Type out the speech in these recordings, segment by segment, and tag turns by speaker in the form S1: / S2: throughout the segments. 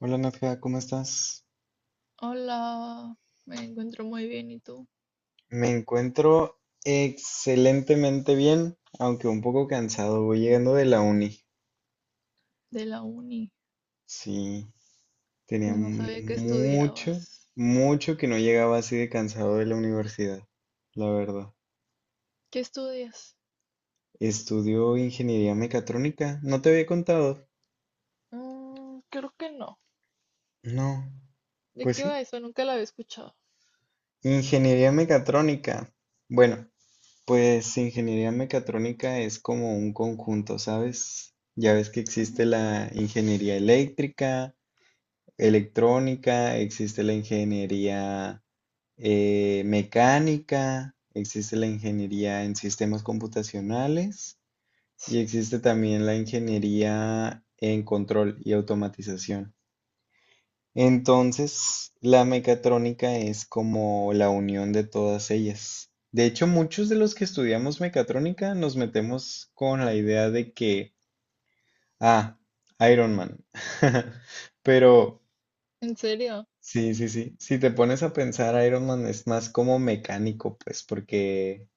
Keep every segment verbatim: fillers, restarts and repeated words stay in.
S1: Hola Nadja, ¿cómo estás?
S2: Hola, me encuentro muy bien. ¿Y tú?
S1: Me encuentro excelentemente bien, aunque un poco cansado. Voy llegando de la uni.
S2: De la uni.
S1: Sí, tenía
S2: No sabía que
S1: mucho,
S2: estudiabas.
S1: mucho que no llegaba así de cansado de la universidad, la verdad.
S2: ¿Qué estudias?
S1: Estudio ingeniería mecatrónica. ¿No te había contado?
S2: Mm, creo que no.
S1: No,
S2: ¿De
S1: pues
S2: qué
S1: sí.
S2: va eso? Nunca la había escuchado.
S1: Ingeniería mecatrónica. Bueno, Pues ingeniería mecatrónica es como un conjunto, ¿sabes? Ya ves que existe
S2: Ujú.
S1: la ingeniería eléctrica, electrónica, existe la ingeniería eh, mecánica, existe la ingeniería en sistemas computacionales y
S2: Sí.
S1: existe también la ingeniería en control y automatización. Entonces, la mecatrónica es como la unión de todas ellas. De hecho, muchos de los que estudiamos mecatrónica nos metemos con la idea de que, ah, Iron Man. Pero,
S2: ¿En serio?
S1: sí, sí, sí. Si te pones a pensar, Iron Man es más como mecánico, pues, porque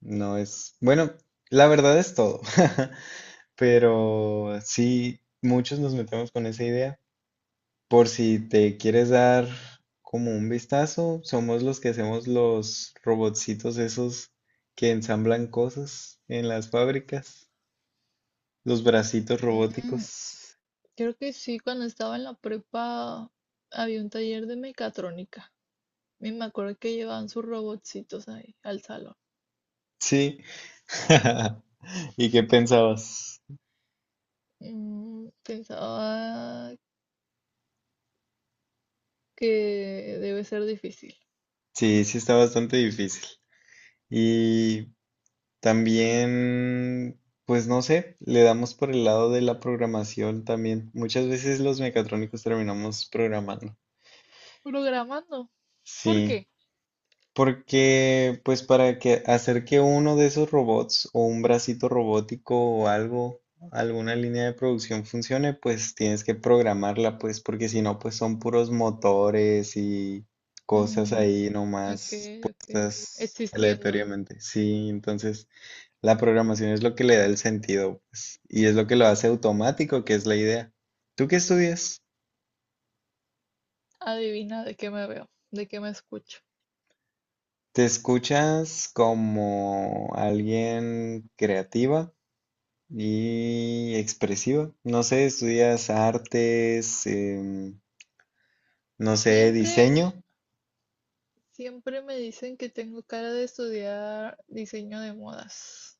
S1: no es... Bueno, la verdad es todo. Pero sí, muchos nos metemos con esa idea. Por si te quieres dar como un vistazo, somos los que hacemos los robotcitos esos que ensamblan cosas en las fábricas, los bracitos
S2: Mm,
S1: robóticos.
S2: Creo que sí, cuando estaba en la prepa había un taller de mecatrónica. Y me acuerdo que llevaban sus robotcitos ahí al salón.
S1: Sí. ¿Y qué pensabas?
S2: Mm, pensaba que debe ser difícil.
S1: Sí, sí está bastante difícil. Y también, pues no sé, le damos por el lado de la programación también. Muchas veces los mecatrónicos terminamos programando.
S2: Programando. ¿Por
S1: Sí.
S2: qué?
S1: Porque, pues para que hacer que uno de esos robots o un bracito robótico o algo, alguna línea de producción funcione, pues tienes que programarla, pues porque si no, pues son puros motores y cosas
S2: Mm.
S1: ahí
S2: Ok,
S1: nomás
S2: ok.
S1: puestas
S2: Existiendo.
S1: aleatoriamente. Sí, entonces la programación es lo que le da el sentido, pues, y es lo que lo hace automático, que es la idea. ¿Tú qué estudias?
S2: Adivina de qué me veo, de qué me escucho.
S1: ¿Te escuchas como alguien creativa? Y expresiva. No sé, estudias artes, em, no sé,
S2: Siempre,
S1: diseño.
S2: siempre me dicen que tengo cara de estudiar diseño de modas.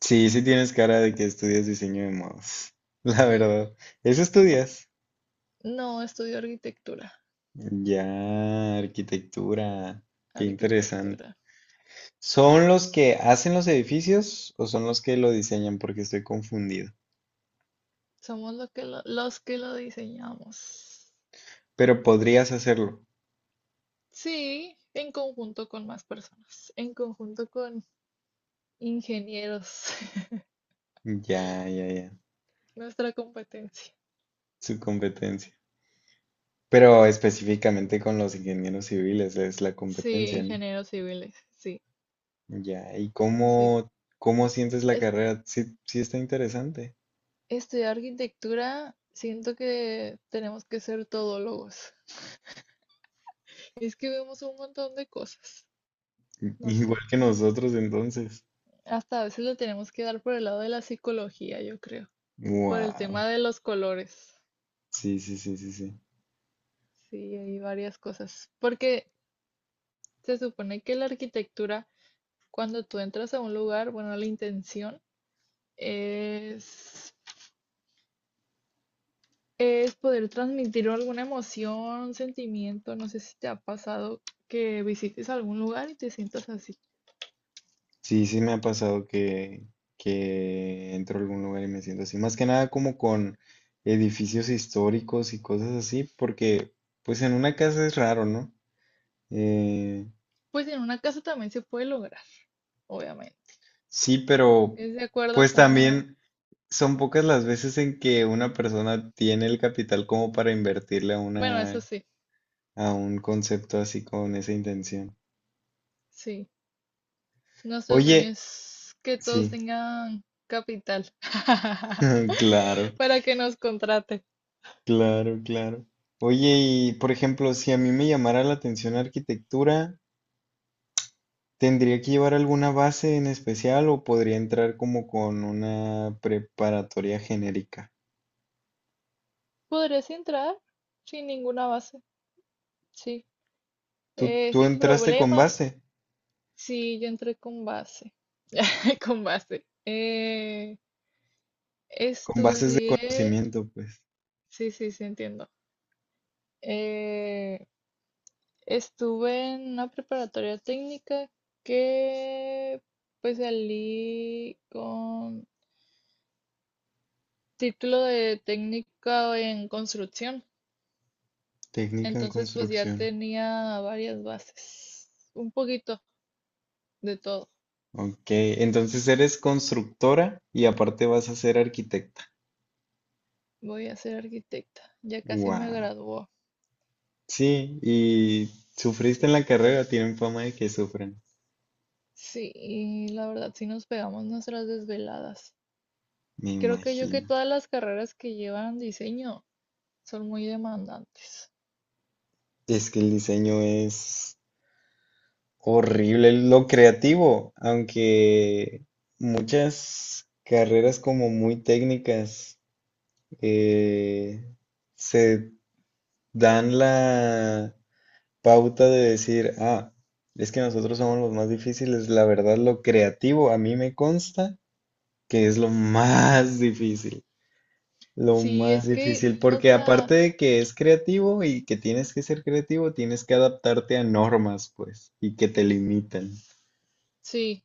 S1: Sí, sí tienes cara de que estudias diseño de modos. La verdad. ¿Eso estudias?
S2: No, estudio arquitectura.
S1: Ya, arquitectura. Qué interesante.
S2: Arquitectura.
S1: ¿Son los que hacen los edificios o son los que lo diseñan? Porque estoy confundido.
S2: Somos los que lo- los que lo diseñamos.
S1: Pero podrías hacerlo.
S2: Sí, en conjunto con más personas, en conjunto con ingenieros,
S1: Ya, ya, ya.
S2: nuestra competencia.
S1: Su competencia. Pero específicamente con los ingenieros civiles es la
S2: Sí,
S1: competencia, ¿no?
S2: ingenieros civiles, sí,
S1: Ya, ¿y
S2: sí.
S1: cómo, cómo sientes la carrera? Sí, sí está interesante.
S2: Estudiar arquitectura, siento que tenemos que ser todólogos. Es que vemos un montón de cosas, no sé.
S1: Igual que nosotros entonces.
S2: Hasta a veces lo tenemos que dar por el lado de la psicología, yo creo, por el
S1: Wow.
S2: tema de los colores.
S1: Sí, sí, sí, sí, sí.
S2: Sí, hay varias cosas. Porque se supone que la arquitectura, cuando tú entras a un lugar, bueno, la intención es, es poder transmitir alguna emoción, un sentimiento. No sé si te ha pasado que visites algún lugar y te sientas así.
S1: Sí, sí me ha pasado que, que entro a algún lugar y me siento así. Más que nada como con edificios históricos y cosas así, porque pues en una casa es raro, ¿no? Eh,
S2: Pues en una casa también se puede lograr, obviamente.
S1: sí, pero
S2: Es de acuerdo a
S1: pues
S2: cómo...
S1: también son pocas las veces en que una persona tiene el capital como para invertirle a
S2: Bueno,
S1: una
S2: eso sí,
S1: a un concepto así con esa intención.
S2: sí. Nuestro sueño
S1: Oye,
S2: es que todos
S1: sí,
S2: tengan capital
S1: claro,
S2: para que nos contrate.
S1: claro, claro. Oye, y por ejemplo, si a mí me llamara la atención arquitectura, ¿tendría que llevar alguna base en especial o podría entrar como con una preparatoria genérica?
S2: Podrías entrar sin ninguna base, sí.
S1: Tú,
S2: Eh,
S1: tú
S2: sin
S1: entraste con
S2: problema.
S1: base,
S2: Sí, yo entré con base. Con base. Eh,
S1: con bases de
S2: estudié...
S1: conocimiento, pues,
S2: Sí, sí, sí, entiendo. Eh, Estuve en una preparatoria técnica que pues salí con título de técnica en construcción.
S1: técnica en
S2: Entonces pues ya
S1: construcción.
S2: tenía varias bases, un poquito de todo.
S1: Ok, entonces eres constructora y aparte vas a ser arquitecta.
S2: Voy a ser arquitecta, ya casi me
S1: Wow.
S2: graduó.
S1: Sí, y
S2: Sí,
S1: sufriste en la carrera, tienen fama de que sufren,
S2: sí, y la verdad sí nos pegamos nuestras desveladas.
S1: me
S2: Creo que yo que
S1: imagino.
S2: todas las carreras que llevan diseño son muy demandantes.
S1: Es que el diseño es horrible, lo creativo, aunque muchas carreras como muy técnicas eh, se dan la pauta de decir, ah, es que nosotros somos los más difíciles, la verdad, lo creativo a mí me consta que es lo más difícil. Lo
S2: Sí,
S1: más
S2: es que,
S1: difícil,
S2: o
S1: porque
S2: sea...
S1: aparte de que es creativo y que tienes que ser creativo, tienes que adaptarte a normas, pues, y que te limitan.
S2: Sí,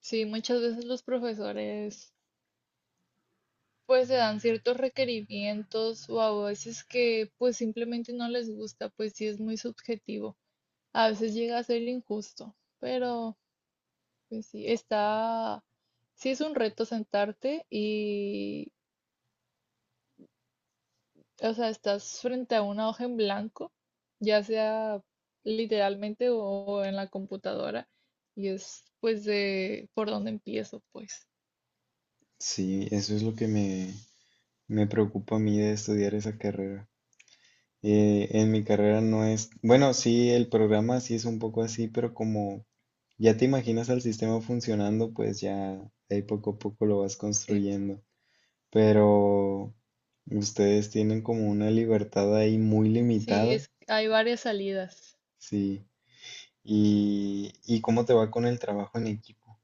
S2: sí, muchas veces los profesores pues se dan ciertos requerimientos o a veces que pues simplemente no les gusta, pues sí es muy subjetivo. A veces llega a ser injusto, pero pues sí, está, sí es un reto sentarte y, o sea, estás frente a una hoja en blanco, ya sea literalmente o en la computadora, y es pues de por dónde empiezo, pues,
S1: Sí, eso es lo que me, me preocupa a mí de estudiar esa carrera. Eh, en mi carrera no es, bueno, sí, el programa sí es un poco así, pero como ya te imaginas al sistema funcionando, pues ya ahí poco a poco lo vas
S2: sí.
S1: construyendo. Pero ustedes tienen como una libertad ahí muy
S2: Sí,
S1: limitada.
S2: es, hay varias salidas.
S1: Sí. y, y cómo te va con el trabajo en equipo.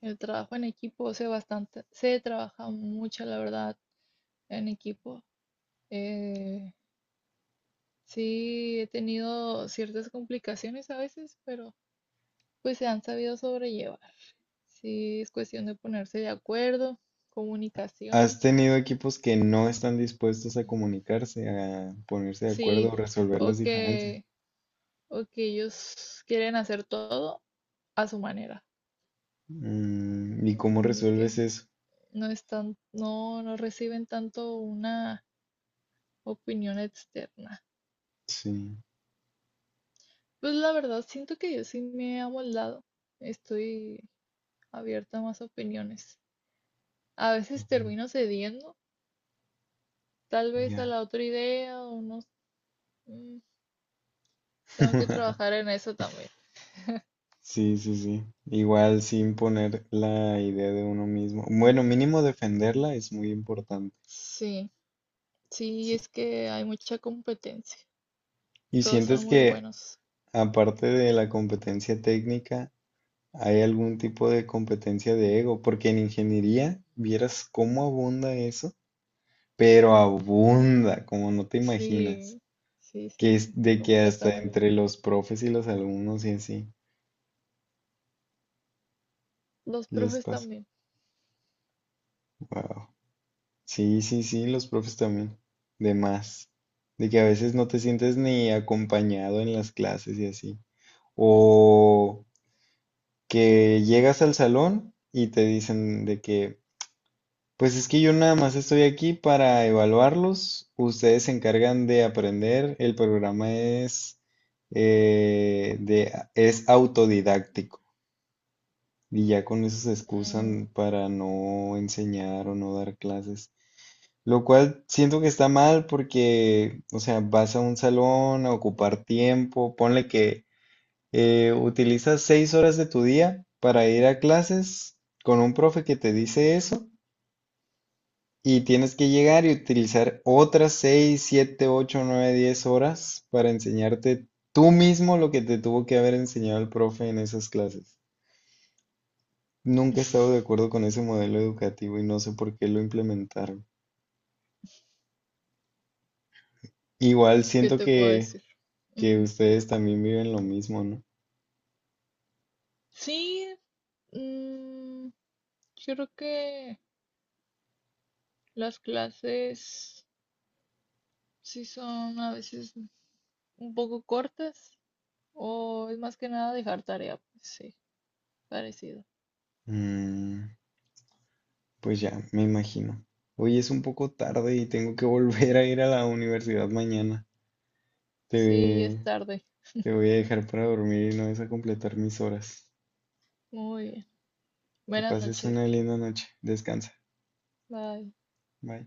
S2: El trabajo en equipo se bastante, se trabaja mucho, la verdad, en equipo. Eh, sí, he tenido ciertas complicaciones a veces, pero pues se han sabido sobrellevar. Sí, es cuestión de ponerse de acuerdo,
S1: ¿Has
S2: comunicación,
S1: tenido equipos que no están dispuestos a comunicarse, a ponerse de acuerdo
S2: sí,
S1: o resolver
S2: o
S1: las diferencias?
S2: que, o que ellos quieren hacer todo a su manera,
S1: Mm, ¿y cómo
S2: mm, de
S1: resuelves
S2: que
S1: eso?
S2: no están, no, no reciben tanto una opinión externa.
S1: Sí,
S2: Pues la verdad, siento que yo sí me he amoldado. Estoy abierta a más opiniones. A veces
S1: ujú,
S2: termino cediendo, tal vez a
S1: ya.
S2: la otra idea o no. Mm. Tengo que trabajar en eso también.
S1: Sí, sí, sí. Igual sin poner la idea de uno mismo. Bueno, mínimo defenderla es muy importante.
S2: Sí, sí,
S1: Sí.
S2: es que hay mucha competencia.
S1: ¿Y
S2: Todos son
S1: sientes
S2: muy
S1: que
S2: buenos.
S1: aparte de la competencia técnica, hay algún tipo de competencia de ego, porque en ingeniería vieras cómo abunda eso, pero abunda, como no te imaginas,
S2: Sí, sí, sí,
S1: que es
S2: sí,
S1: de que hasta
S2: completamente.
S1: entre los profes y los alumnos y así
S2: Los
S1: les
S2: profes
S1: pasa.
S2: también.
S1: Wow. Sí, sí, sí, los profes también, de más, de que a veces no te sientes ni acompañado en las clases y así. O que llegas al salón y te dicen de que pues es que yo nada más estoy aquí para evaluarlos. Ustedes se encargan de aprender. El programa es, eh, de, es autodidáctico y ya con eso se
S2: Mm,
S1: excusan para no enseñar o no dar clases. Lo cual siento que está mal porque, o sea, vas a un salón a ocupar tiempo. Ponle que eh, utilizas seis horas de tu día para ir a clases con un profe que te dice eso. Y tienes que llegar y utilizar otras seis siete ocho nueve diez horas para enseñarte tú mismo lo que te tuvo que haber enseñado el profe en esas clases. Nunca he estado de acuerdo con ese modelo educativo y no sé por qué lo implementaron. Igual
S2: ¿qué
S1: siento
S2: te puedo
S1: que,
S2: decir?
S1: que
S2: Ujú.
S1: ustedes también viven lo mismo, ¿no?
S2: Sí, mm, yo creo que las clases... Sí son a veces un poco cortas o es más que nada dejar tarea, pues. Sí, parecido.
S1: Mm, pues ya, me imagino. Hoy es un poco tarde y tengo que volver a ir a la universidad mañana.
S2: Sí, es
S1: Te,
S2: tarde.
S1: te voy a dejar para dormir y no vas a completar mis horas.
S2: Muy bien.
S1: Que
S2: Buenas
S1: pases
S2: noches.
S1: una linda noche. Descansa.
S2: Bye.
S1: Bye.